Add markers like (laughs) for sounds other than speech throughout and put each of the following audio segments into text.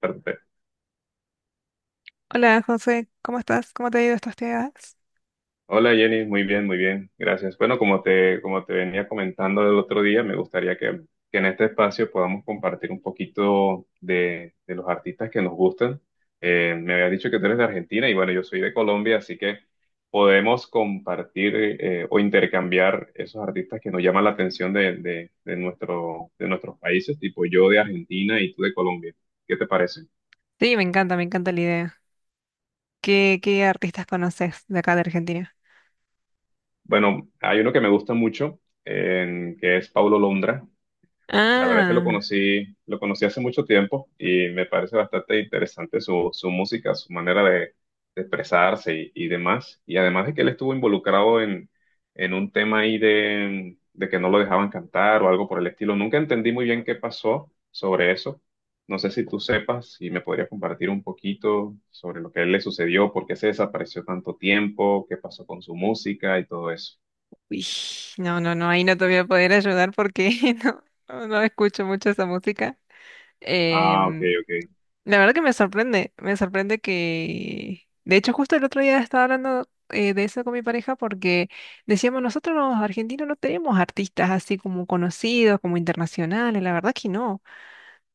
Perfecto. Hola José, ¿cómo estás? ¿Cómo te ha ido estos días? Hola Jenny, muy bien, gracias. Bueno, como te venía comentando el otro día, me gustaría que en este espacio podamos compartir un poquito de los artistas que nos gustan. Me había dicho que tú eres de Argentina y bueno, yo soy de Colombia, así que podemos compartir o intercambiar esos artistas que nos llaman la atención de nuestro, de nuestros países, tipo yo de Argentina y tú de Colombia. ¿Qué te parece? Sí, me encanta la idea. ¿Qué artistas conoces de acá de Argentina? Bueno, hay uno que me gusta mucho, que es Paulo Londra. La verdad es que Ah, lo conocí hace mucho tiempo y me parece bastante interesante su música, su manera de expresarse y demás. Y además de que él estuvo involucrado en un tema ahí de que no lo dejaban cantar o algo por el estilo. Nunca entendí muy bien qué pasó sobre eso. No sé si tú sepas y me podrías compartir un poquito sobre lo que a él le sucedió, por qué se desapareció tanto tiempo, qué pasó con su música y todo eso. uy, no, no, no, ahí no te voy a poder ayudar porque (laughs) no, escucho mucho esa música. Ah, ok, Em, ok. la verdad que me sorprende que... De hecho, justo el otro día estaba hablando de eso con mi pareja porque decíamos, nosotros los argentinos no tenemos artistas así como conocidos, como internacionales, la verdad que no.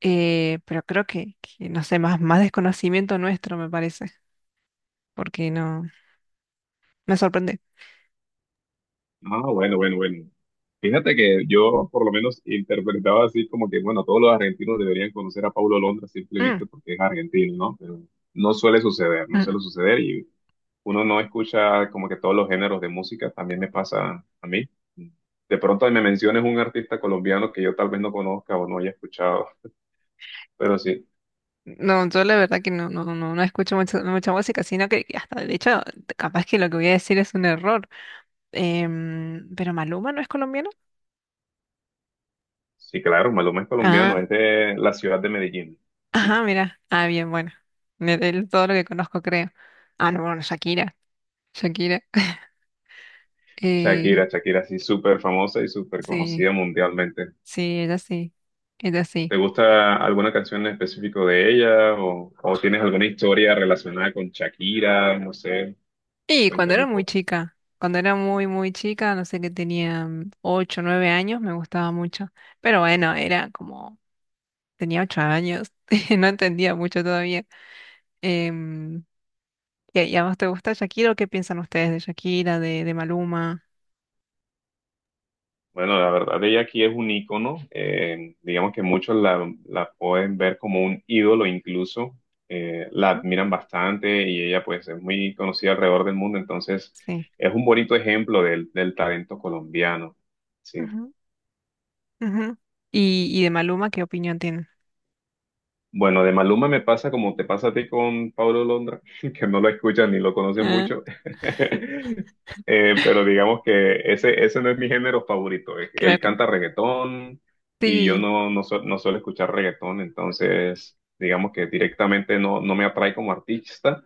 Pero creo que, no sé, más, más desconocimiento nuestro, me parece, porque no, me sorprende. Ah, bueno, bueno, bueno. Fíjate que yo por lo menos interpretaba así como que, bueno, todos los argentinos deberían conocer a Paulo Londra Mm, simplemente porque es argentino, ¿no? Pero no suele suceder, no mm, suele suceder y uno no escucha como que todos los géneros de música, también me pasa a mí. De pronto me menciones un artista colombiano que yo tal vez no conozca o no haya escuchado, pero sí, No, yo la verdad que no, no escucho mucha, mucha música, sino que hasta, de hecho, capaz que lo que voy a decir es un error. Pero Maluma no es colombiano. sí, claro, Maluma es colombiano, Ah, es de la ciudad de Medellín. Sí, ajá, mira. Ah, bien, bueno. De todo lo que conozco, creo. Ah, no, bueno, Shakira. Shakira. (laughs) Shakira, Eh, Shakira, sí, súper famosa y súper conocida sí, mundialmente. sí, ella sí. Ella sí. ¿Te gusta alguna canción en específico de ella o tienes alguna historia relacionada con Shakira? No sé, Y cuando cuéntame era un muy poco. chica, cuando era muy, muy chica, no sé que tenía ocho, nueve años, me gustaba mucho. Pero bueno, era como, tenía ocho años, (laughs) no entendía mucho todavía. Em, ¿y a vos te gusta Shakira o qué piensan ustedes de Shakira, de Maluma? Bueno, la verdad, ella aquí es un ícono. Digamos que muchos la pueden ver como un ídolo incluso. La Ajá, admiran bastante y ella pues es muy conocida alrededor del mundo. Entonces, sí. es un bonito ejemplo del talento colombiano. Sí. Ujú, ujú. Y de Maluma, ¿qué opinión tienen? Bueno, de Maluma me pasa como te pasa a ti con Paulo Londra, (laughs) que no lo escuchas ni lo conoces Ah, mucho. (laughs) Pero (laughs) digamos que ese no es mi género favorito. Él claro. canta reggaetón y yo Sí, no, no suelo escuchar reggaetón, entonces digamos que directamente no, no me atrae como artista,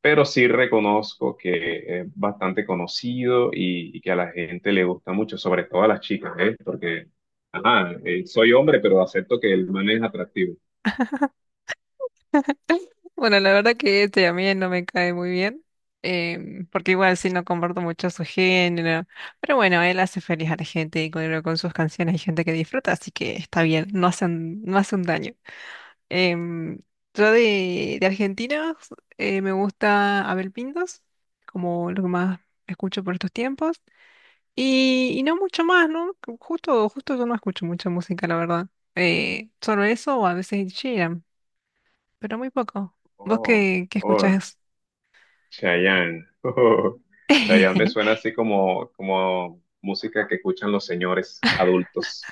pero sí reconozco que es bastante conocido y que a la gente le gusta mucho, sobre todo a las chicas, ¿eh? Porque, ajá, soy hombre, pero acepto que el man es atractivo. (laughs) bueno, la verdad que este a mí no me cae muy bien, porque igual sí no comparto mucho su género, pero bueno, él hace feliz a la gente y con sus canciones hay gente que disfruta, así que está bien, no hacen, no hace un daño. Em, yo de Argentina me gusta Abel Pintos, como lo que más escucho por estos tiempos, y no mucho más, ¿no? Justo, justo yo no escucho mucha música, la verdad. Solo eso o a veces Ed Sheeran pero muy poco. ¿Vos Oh, qué, qué oh, escuchás? Chayanne. (laughs) Oh, Chayanne me suena (laughs) así como, como música que escuchan los señores adultos.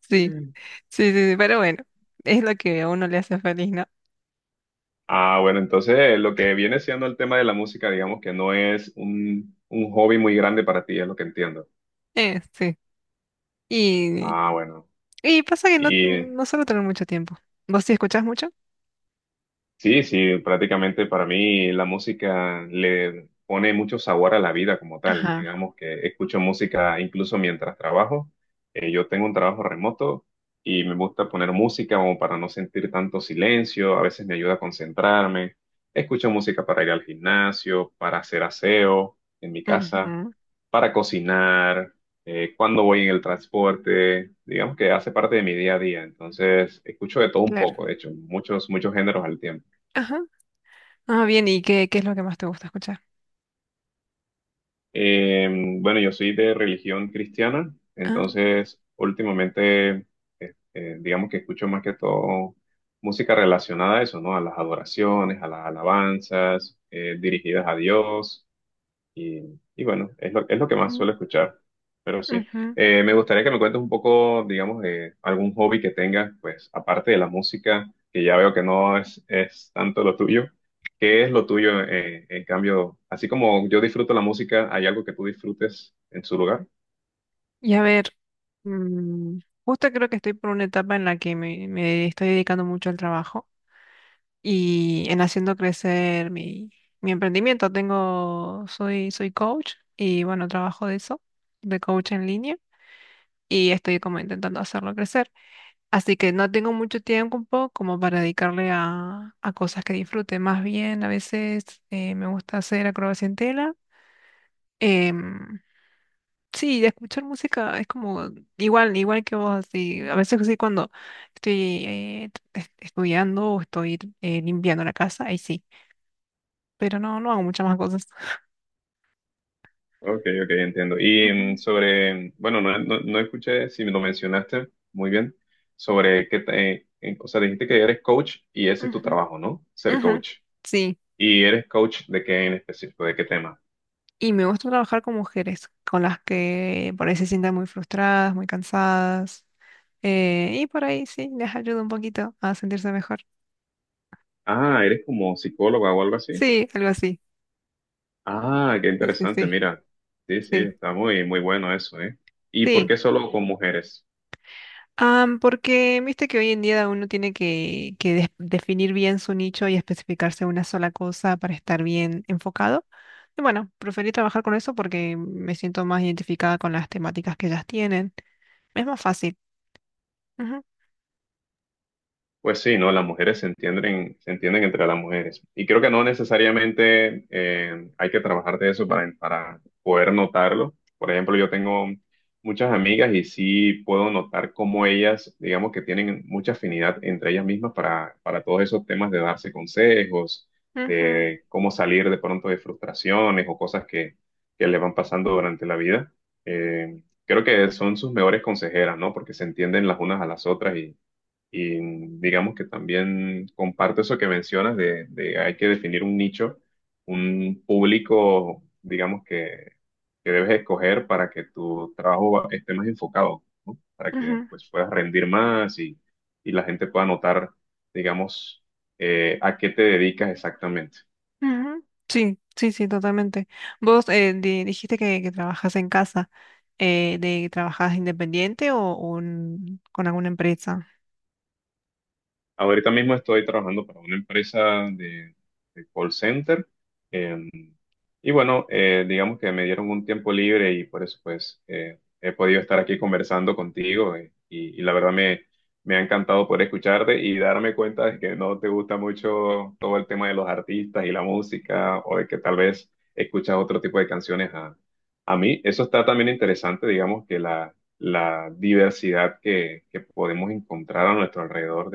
Sí, Mm. sí, sí, sí, pero bueno, es lo que a uno le hace feliz, ¿no? Ah, bueno, entonces lo que viene siendo el tema de la música, digamos que no es un hobby muy grande para ti, es lo que entiendo. Sí. Y, Ah, bueno. y pasa que no, Y no suelo tener mucho tiempo. ¿Vos sí escuchás mucho? sí, sí, prácticamente para mí la música le pone mucho sabor a la vida como tal. Ajá. Digamos que escucho música incluso mientras trabajo. Yo tengo un trabajo remoto y me gusta poner música como para no sentir tanto silencio. A veces me ayuda a concentrarme. Escucho música para ir al gimnasio, para hacer aseo en mi casa, Ujú, para cocinar, cuando voy en el transporte. Digamos que hace parte de mi día a día. Entonces, escucho de todo un claro. poco, de hecho, muchos, muchos géneros al tiempo. Ajá. Ah, bien, ¿y qué, qué es lo que más te gusta escuchar? Eh, bueno, yo soy de religión cristiana, Ah, entonces últimamente, digamos que escucho más que todo música relacionada a eso, ¿no? A las adoraciones, a las alabanzas, dirigidas a Dios. Y bueno, es lo que más suelo ujú, escuchar, pero sí. ujú. Me gustaría que me cuentes un poco, digamos, de algún hobby que tengas, pues aparte de la música, que ya veo que no es, es tanto lo tuyo. ¿Qué es lo tuyo, en cambio? Así como yo disfruto la música, ¿hay algo que tú disfrutes en su lugar? Y a ver, mm, justo creo que estoy por una etapa en la que me estoy dedicando mucho al trabajo. Y en haciendo crecer mi, mi emprendimiento. Tengo, soy, soy coach y bueno, trabajo de eso, de coach en línea y estoy como intentando hacerlo crecer. Así que no tengo mucho tiempo como para dedicarle a cosas que disfrute. Más bien, a veces me gusta hacer acrobacia en tela. Em, sí, escuchar música es como igual, igual que vos, así. A veces sí cuando estoy estudiando o estoy limpiando la casa, ahí sí. Pero no, no hago muchas más cosas. Ok, ok, entiendo. Y Ujú, sobre, bueno, no, no, no escuché si me lo mencionaste muy bien, sobre qué, o sea, dijiste que eres coach y ese es tu ujú, trabajo, ¿no? Ser ujú. coach. Sí, ¿Y eres coach de qué en específico? ¿De qué tema? y me gusta trabajar con mujeres, con las que por ahí se sientan muy frustradas, muy cansadas. Y por ahí sí, les ayuda un poquito a sentirse mejor. Ah, eres como psicóloga o algo así. Sí, algo así. Ah, qué Sí, sí, interesante, sí, mira. Sí, sí, sí, está muy, muy bueno eso, ¿eh? ¿Y por sí. qué solo con mujeres? Porque viste que hoy en día uno tiene que definir bien su nicho y especificarse en una sola cosa para estar bien enfocado. Y bueno, preferí trabajar con eso porque me siento más identificada con las temáticas que ellas tienen. Es más fácil. Ujú, Pues sí, ¿no? Las mujeres se entienden entre las mujeres. Y creo que no necesariamente hay que trabajar de eso para poder notarlo. Por ejemplo, yo tengo muchas amigas y sí puedo notar cómo ellas, digamos que tienen mucha afinidad entre ellas mismas para todos esos temas de darse consejos, ujú, de cómo salir de pronto de frustraciones o cosas que le van pasando durante la vida. Creo que son sus mejores consejeras, ¿no? Porque se entienden las unas a las otras y digamos que también comparto eso que mencionas de hay que definir un nicho, un público, digamos que debes escoger para que tu trabajo esté más enfocado, ¿no? Para que ujú, pues puedas rendir más y la gente pueda notar, digamos, a qué te dedicas exactamente. ujú. Sí, sí, sí, totalmente. Vos dijiste que trabajas en casa, ¿trabajas independiente o, con alguna empresa? Ahorita mismo estoy trabajando para una empresa de call center. em, y bueno, digamos que me dieron un tiempo libre y por eso pues he podido estar aquí conversando contigo y la verdad me, me ha encantado poder escucharte y darme cuenta de que no te gusta mucho todo el tema de los artistas y la música o de que tal vez escuchas otro tipo de canciones a mí. Eso está también interesante, digamos que la la diversidad que podemos encontrar a nuestro alrededor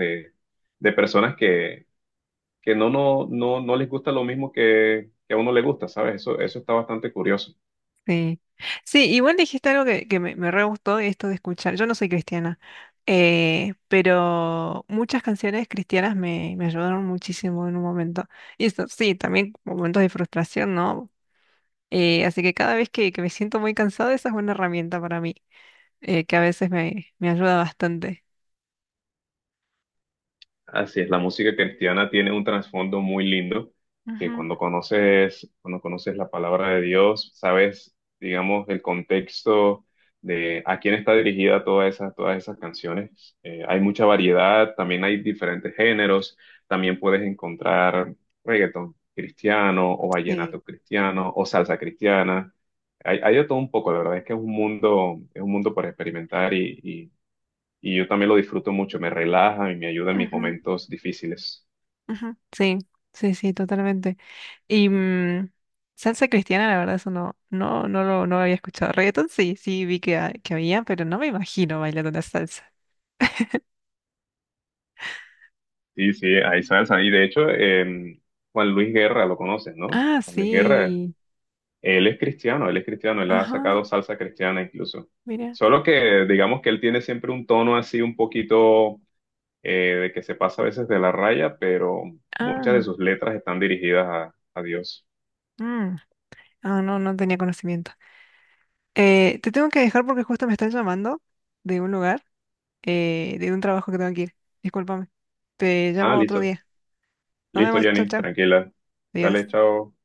de personas que no, no, no, no les gusta lo mismo que a uno le gusta, ¿sabes? Eso está bastante curioso. Sí. Sí, igual dijiste algo que me re gustó, esto de escuchar. Yo no soy cristiana, pero muchas canciones cristianas me, me ayudaron muchísimo en un momento. Y eso, sí, también momentos de frustración, ¿no? Así que cada vez que me siento muy cansada, esa es una herramienta para mí. Que a veces me, me ayuda bastante. Así es, la música cristiana tiene un trasfondo muy lindo, que Ujú, cuando conoces la palabra de Dios, sabes, digamos, el contexto de a quién está dirigida todas esas canciones. Hay mucha variedad, también hay diferentes géneros, también puedes encontrar reggaetón cristiano o sí. vallenato cristiano o salsa cristiana. Hay de todo un poco, la verdad es que es un mundo por experimentar y yo también lo disfruto mucho, me relaja y me ayuda en mis Ujú, momentos difíciles. ujú. Sí, sí, sí, totalmente. Y salsa cristiana, la verdad, eso no, no, no lo, no lo había escuchado. Reggaetón sí, sí vi que había, pero no me imagino bailando una salsa. Sí, sí, ahí salsa. Y de hecho, Juan Luis Guerra lo conoces, ¿no? Ah, Juan Luis Guerra, sí. él es cristiano, él es cristiano, él ha Ajá, sacado salsa cristiana incluso. mira. Solo que digamos que él tiene siempre un tono así un poquito eh, de que se pasa a veces de la raya, pero muchas de Ah, sus letras están dirigidas a Dios. mm. Ah, no, no tenía conocimiento. Te tengo que dejar porque justo me están llamando de un lugar, de un trabajo que tengo que ir. Discúlpame. Te Ah, llamo otro listo, día. Nos listo, vemos, chao, Jenny, chao. tranquila. Adiós. Dale, chao.